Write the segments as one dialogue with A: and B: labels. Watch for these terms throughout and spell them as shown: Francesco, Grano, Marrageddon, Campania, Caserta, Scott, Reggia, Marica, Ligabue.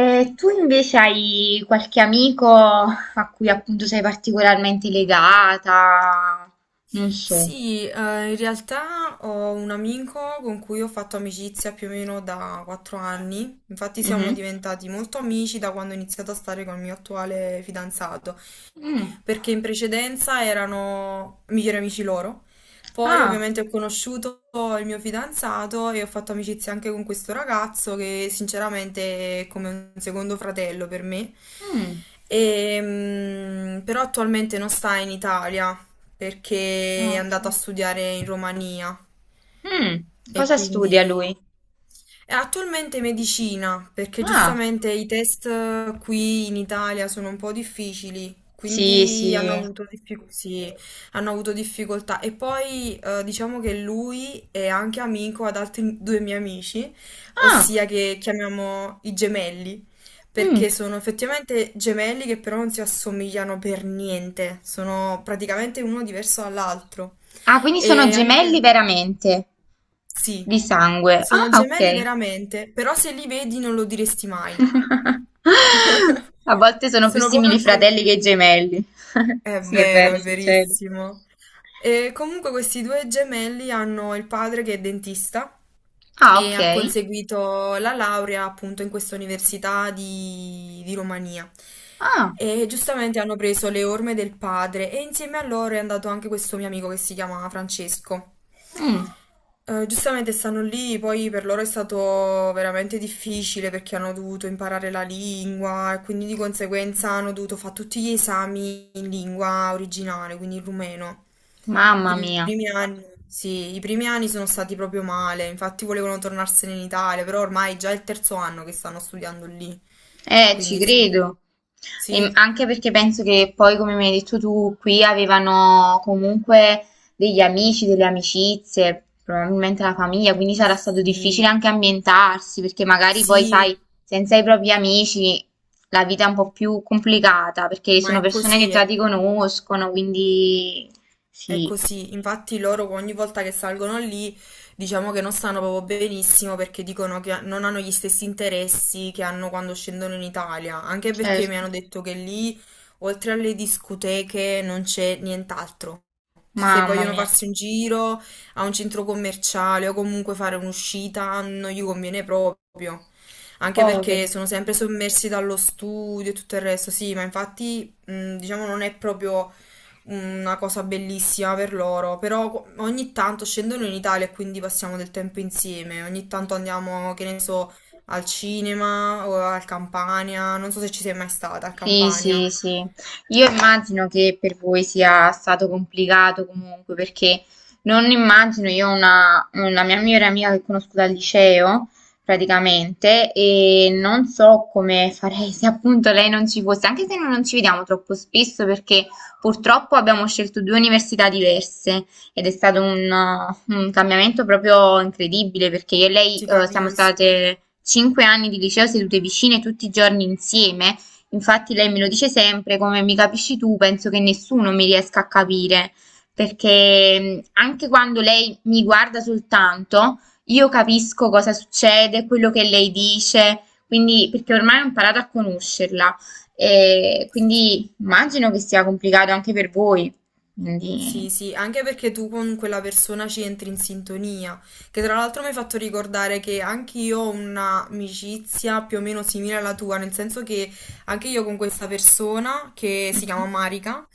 A: E tu invece hai qualche amico a cui appunto sei particolarmente legata? Non so.
B: Sì, in realtà ho un amico con cui ho fatto amicizia più o meno da 4 anni, infatti siamo
A: Mhm.
B: diventati molto amici da quando ho iniziato a stare con il mio attuale fidanzato
A: Mm.
B: perché in precedenza erano migliori amici loro. Poi
A: Ah,
B: ovviamente ho conosciuto il mio fidanzato e ho fatto amicizia anche con questo ragazzo che sinceramente è come un secondo fratello per me.
A: mm.
B: Però attualmente non sta in Italia perché è
A: Ah, ok.
B: andato a studiare in Romania
A: Mm.
B: e
A: Cosa studia
B: quindi.
A: lui?
B: È attualmente medicina, perché
A: Ah,
B: giustamente i test qui in Italia sono un po' difficili,
A: sì,
B: quindi hanno
A: sì.
B: avuto sì, hanno avuto difficoltà. E poi diciamo che lui è anche amico ad altri due miei amici,
A: Ah,
B: ossia che chiamiamo i gemelli, perché
A: mm.
B: sono effettivamente gemelli che però non si assomigliano per niente, sono praticamente uno diverso dall'altro.
A: Ah, quindi sono
B: E
A: gemelli
B: anche.
A: veramente,
B: Sì,
A: di sangue.
B: sono
A: Ah,
B: gemelli
A: ok.
B: veramente, però se li vedi non lo diresti mai.
A: A volte sono più
B: Sono proprio
A: simili fratelli
B: diversi.
A: che gemelli.
B: È
A: Sì, è
B: vero,
A: vero,
B: è
A: succede.
B: verissimo. E comunque questi due gemelli hanno il padre che è dentista
A: Ah,
B: e
A: ok.
B: ha conseguito la laurea appunto in questa università di Romania.
A: Ah,
B: E giustamente hanno preso le orme del padre e insieme a loro è andato anche questo mio amico che si chiama Francesco.
A: mm,
B: Giustamente stanno lì, poi per loro è stato veramente difficile perché hanno dovuto imparare la lingua e quindi di conseguenza hanno dovuto fare tutti gli esami in lingua originale, quindi in rumeno.
A: mamma
B: I
A: mia,
B: primi anni, sì, i primi anni sono stati proprio male, infatti volevano tornarsene in Italia, però ormai è già il terzo anno che stanno studiando lì,
A: ci
B: quindi sì.
A: credo. E
B: Sì,
A: anche perché penso che poi, come mi hai detto tu, qui avevano comunque degli amici, delle amicizie, probabilmente la famiglia, quindi sarà stato difficile
B: sì,
A: anche ambientarsi, perché magari poi,
B: sì,
A: sai, senza i propri amici la vita è un po' più complicata, perché
B: ma
A: sono
B: è
A: persone che
B: così.
A: già
B: Eh.
A: ti conoscono, quindi
B: È
A: sì,
B: così, infatti loro ogni volta che salgono lì diciamo che non stanno proprio benissimo perché dicono che non hanno gli stessi interessi che hanno quando scendono in Italia, anche perché mi
A: certo,
B: hanno detto che lì oltre alle discoteche non c'è nient'altro. Cioè, se
A: mamma
B: vogliono
A: mia,
B: farsi un giro a un centro commerciale o comunque fare un'uscita, non gli conviene proprio. Anche perché
A: poveri.
B: sono sempre sommersi dallo studio e tutto il resto, sì, ma infatti, diciamo, non è proprio una cosa bellissima per loro. Però ogni tanto scendono in Italia e quindi passiamo del tempo insieme. Ogni tanto andiamo, che ne so, al cinema o al Campania. Non so se ci sei mai stata al
A: Sì,
B: Campania.
A: sì, sì. Io immagino che per voi sia stato complicato comunque, perché non immagino, io ho una mia migliore amica che conosco dal liceo, praticamente, e non so come farei se appunto lei non ci fosse, anche se noi non ci vediamo troppo spesso, perché purtroppo abbiamo scelto due università diverse ed è stato un cambiamento proprio incredibile, perché io e lei,
B: Ti
A: siamo
B: capisco.
A: state 5 anni di liceo sedute vicine tutti i giorni insieme. Infatti lei me lo dice sempre, come mi capisci tu, penso che nessuno mi riesca a capire, perché anche quando lei mi guarda soltanto, io capisco cosa succede, quello che lei dice, quindi perché ormai ho imparato a conoscerla. E quindi immagino che sia complicato anche per voi.
B: Sì,
A: Quindi...
B: sì, anche perché tu con quella persona ci entri in sintonia, che tra l'altro mi hai fatto ricordare che anche io ho un'amicizia più o meno simile alla tua, nel senso che anche io con questa persona che si chiama
A: Mhm.
B: Marica,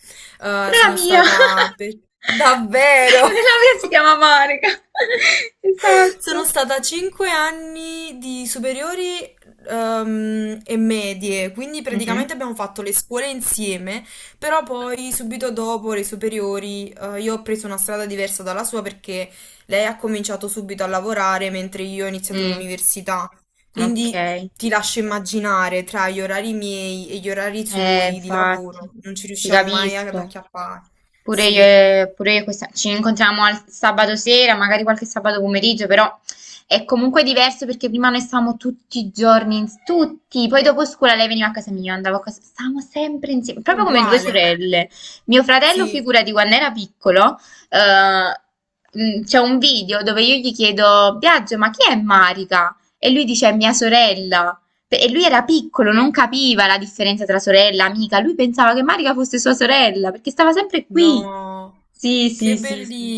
A: Pure la
B: sono
A: mia.
B: stata davvero.
A: Pure la mia si chiama Monica.
B: Sono
A: Esatto.
B: stata 5 anni di superiori e medie, quindi
A: Mhm.
B: praticamente abbiamo fatto le scuole insieme, però poi subito dopo le superiori io ho preso una strada diversa dalla sua perché lei ha cominciato subito a lavorare mentre io ho iniziato
A: Mm,
B: l'università,
A: ok,
B: quindi ti lascio immaginare tra gli orari miei e gli orari suoi di
A: infatti,
B: lavoro, non ci
A: ti
B: riusciamo mai ad
A: capisco.
B: acchiappare.
A: Pure io,
B: Sì,
A: pure io ci incontriamo al sabato sera, magari qualche sabato pomeriggio, però è comunque diverso perché prima noi stavamo tutti i giorni, tutti, poi dopo scuola lei veniva a casa mia, io andavo a casa, stavamo sempre insieme, proprio come due
B: uguale.
A: sorelle. Mio fratello,
B: Sì,
A: figurati, quando era piccolo, eh, c'è un video dove io gli chiedo, Biagio, ma chi è Marica? E lui dice, è mia sorella. E lui era piccolo, non capiva la differenza tra sorella e amica. Lui pensava che Marica fosse sua sorella, perché stava sempre qui.
B: no,
A: Sì, sì,
B: che
A: sì, sì.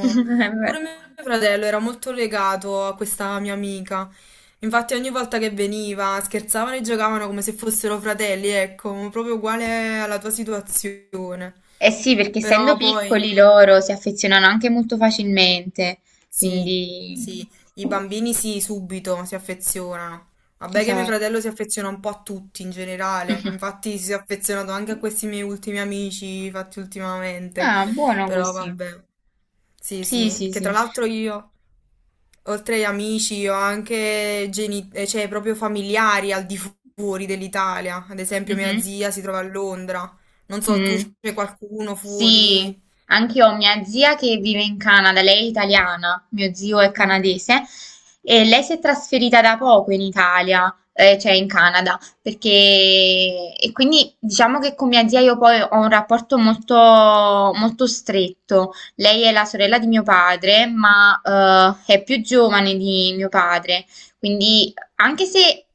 B: Pure mio fratello era molto legato a questa mia amica. Infatti ogni volta che veniva scherzavano e giocavano come se fossero fratelli, ecco, proprio uguale alla tua situazione.
A: Eh sì, perché essendo
B: Però poi.
A: piccoli loro si affezionano anche molto facilmente.
B: Sì,
A: Quindi,
B: sì, i bambini sì, subito si affezionano. Vabbè che mio
A: esatto.
B: fratello si affeziona un po' a tutti in generale, infatti si è affezionato anche a questi miei ultimi amici fatti ultimamente,
A: Ah, buono
B: però
A: così.
B: vabbè. Sì,
A: Sì,
B: sì,
A: sì,
B: che tra
A: sì.
B: l'altro io, oltre agli amici, ho anche cioè, proprio familiari al di fuori dell'Italia, ad esempio mia
A: Mhm.
B: zia si trova a Londra, non so, tu
A: Mm.
B: c'è qualcuno
A: Sì,
B: fuori?
A: anche io ho mia zia che vive in Canada, lei è italiana, mio zio è
B: Mhm.
A: canadese e lei si è trasferita da poco in Italia, cioè in Canada, perché e quindi diciamo che con mia zia io poi ho un rapporto molto, molto stretto. Lei è la sorella di mio padre, ma è più giovane di mio padre, quindi anche se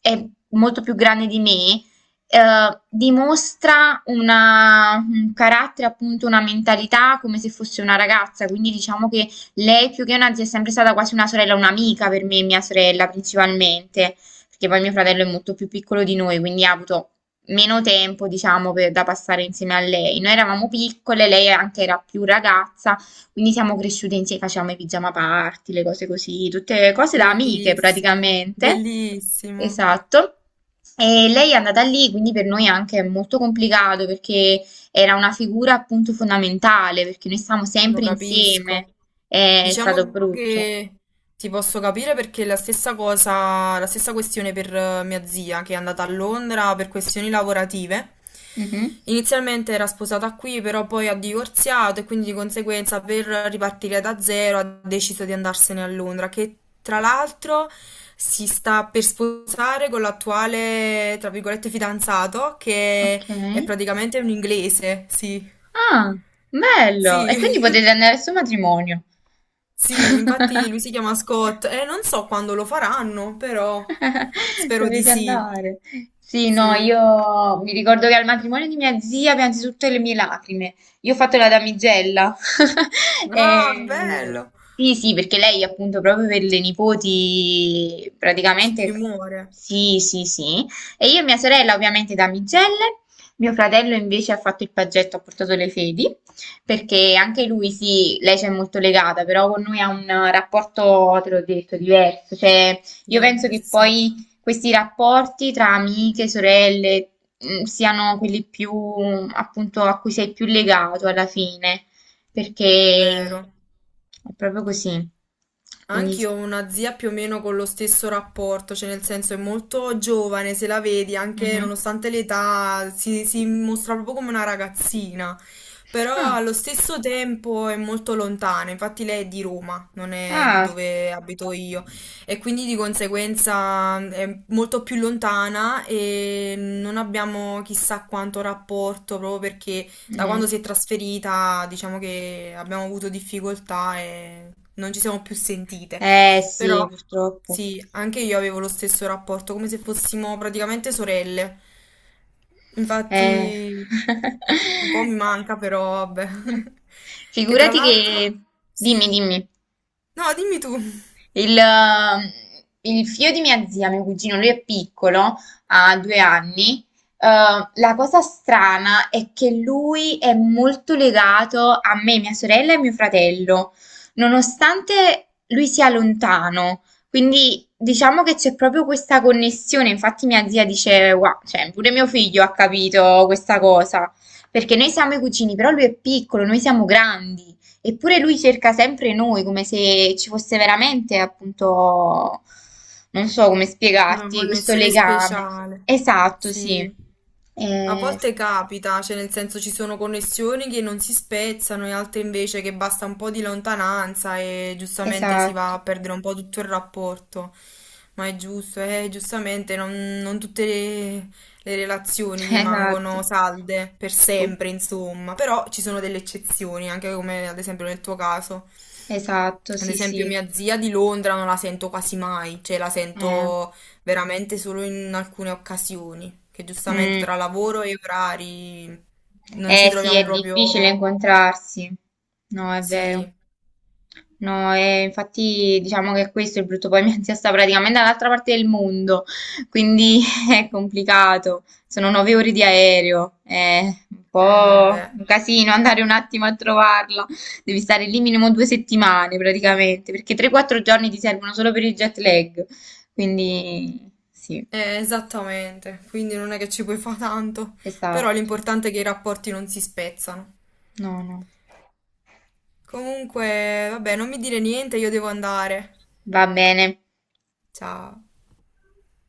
A: è molto più grande di me dimostra un carattere, appunto una mentalità come se fosse una ragazza, quindi diciamo che lei più che una zia è sempre stata quasi una sorella, un'amica per me e mia sorella principalmente, perché poi mio fratello è molto più piccolo di noi, quindi ha avuto meno tempo, diciamo, da passare insieme a lei. Noi eravamo piccole, lei anche era più ragazza, quindi siamo cresciute insieme, facevamo i pigiama party, le cose così, tutte cose da amiche
B: Bellissimo,
A: praticamente.
B: bellissimo.
A: Esatto. E lei è andata lì, quindi per noi anche è molto complicato perché era una figura appunto fondamentale, perché noi stavamo
B: Lo
A: sempre insieme.
B: capisco.
A: È stato
B: Diciamo
A: brutto.
B: che ti posso capire perché è la stessa cosa, la stessa questione per mia zia che è andata a Londra per questioni lavorative.
A: Mhm.
B: Inizialmente era sposata qui, però poi ha divorziato e quindi di conseguenza per ripartire da zero ha deciso di andarsene a Londra, che tra l'altro si sta per sposare con l'attuale, tra virgolette, fidanzato
A: Ok.
B: che è praticamente un inglese, sì.
A: Ah, bello. E
B: Sì.
A: quindi potete andare al suo matrimonio.
B: Sì, infatti lui si chiama Scott e non so quando lo faranno, però spero di
A: Dovete
B: sì.
A: andare. Sì, no,
B: Sì.
A: io mi ricordo che al matrimonio di mia zia piansi tutte le mie lacrime. Io ho fatto la damigella.
B: Ah,
A: E-
B: bello!
A: Sì, sì, perché lei appunto proprio per le nipoti
B: Ci
A: praticamente...
B: muore.
A: Sì, sì, sì. E io e mia sorella ovviamente damigelle. Mio fratello invece ha fatto il paggetto, ha portato le fedi, perché anche lui, sì, lei c'è molto legata, però con noi ha un rapporto, te l'ho detto, diverso. Cioè, io penso che
B: Diverso,
A: poi questi rapporti tra amiche, sorelle, siano quelli più, appunto, a cui sei più legato alla fine,
B: è
A: perché
B: vero.
A: è proprio così. Quindi
B: Anch'io ho
A: sì.
B: una zia più o meno con lo stesso rapporto, cioè nel senso è molto giovane, se la vedi, anche
A: Mhm.
B: nonostante l'età, si mostra proprio come una ragazzina, però
A: Ah,
B: allo stesso tempo è molto lontana, infatti lei è di Roma, non è
A: ah.
B: dove abito io, e quindi di conseguenza è molto più lontana e non abbiamo chissà quanto rapporto proprio perché da
A: Mm.
B: quando si è trasferita, diciamo che abbiamo avuto difficoltà e non ci siamo più sentite.
A: Eh sì,
B: Però
A: purtroppo.
B: sì, anche io avevo lo stesso rapporto, come se fossimo praticamente sorelle.
A: Eh.
B: Infatti un po' mi manca, però vabbè. Che tra
A: Figurati
B: l'altro,
A: che... Dimmi,
B: sì.
A: dimmi.
B: No, dimmi tu.
A: Il, ehm, il figlio di mia zia, mio cugino, lui è piccolo, ha 2 anni. Eh, la cosa strana è che lui è molto legato a me, mia sorella e mio fratello, nonostante lui sia lontano. Quindi diciamo che c'è proprio questa connessione. Infatti, mia zia dice: Wow, cioè, pure mio figlio ha capito questa cosa. Perché noi siamo i cugini, però lui è piccolo, noi siamo grandi. Eppure lui cerca sempre noi, come se ci fosse veramente, appunto, non so come
B: Una
A: spiegarti, questo
B: connessione
A: legame.
B: speciale,
A: Esatto, sì.
B: sì. A volte
A: Sì, sì.
B: capita, cioè nel senso ci sono connessioni che non si spezzano e altre invece che basta un po' di lontananza e giustamente si
A: Esatto,
B: va a perdere un po' tutto il rapporto. Ma è giusto, giustamente non tutte le relazioni rimangono
A: esatto.
B: salde per sempre, insomma. Però ci sono delle eccezioni, anche come ad esempio nel tuo caso.
A: Esatto,
B: Ad
A: sì,
B: esempio,
A: sì.
B: mia zia di Londra non la sento quasi mai, cioè la
A: Eh,
B: sento veramente solo in alcune occasioni, che giustamente tra
A: mm.
B: lavoro e orari non ci
A: Sì,
B: troviamo
A: è difficile
B: proprio.
A: incontrarsi. No, è
B: Sì,
A: vero. No, e infatti diciamo che questo è il brutto, poi mia zia sta praticamente dall'altra parte del mondo, quindi è complicato, sono 9 ore di aereo, è un
B: eh
A: po'
B: beh,
A: un casino andare un attimo a trovarla, devi stare lì minimo 2 settimane praticamente, perché 3-4 giorni ti servono solo per il jet lag, quindi sì,
B: esattamente, quindi non è che ci puoi fare tanto, però
A: esatto,
B: l'importante è che i rapporti non si spezzano.
A: no, no,
B: Comunque, vabbè, non mi dire niente, io devo andare.
A: va bene.
B: Ciao.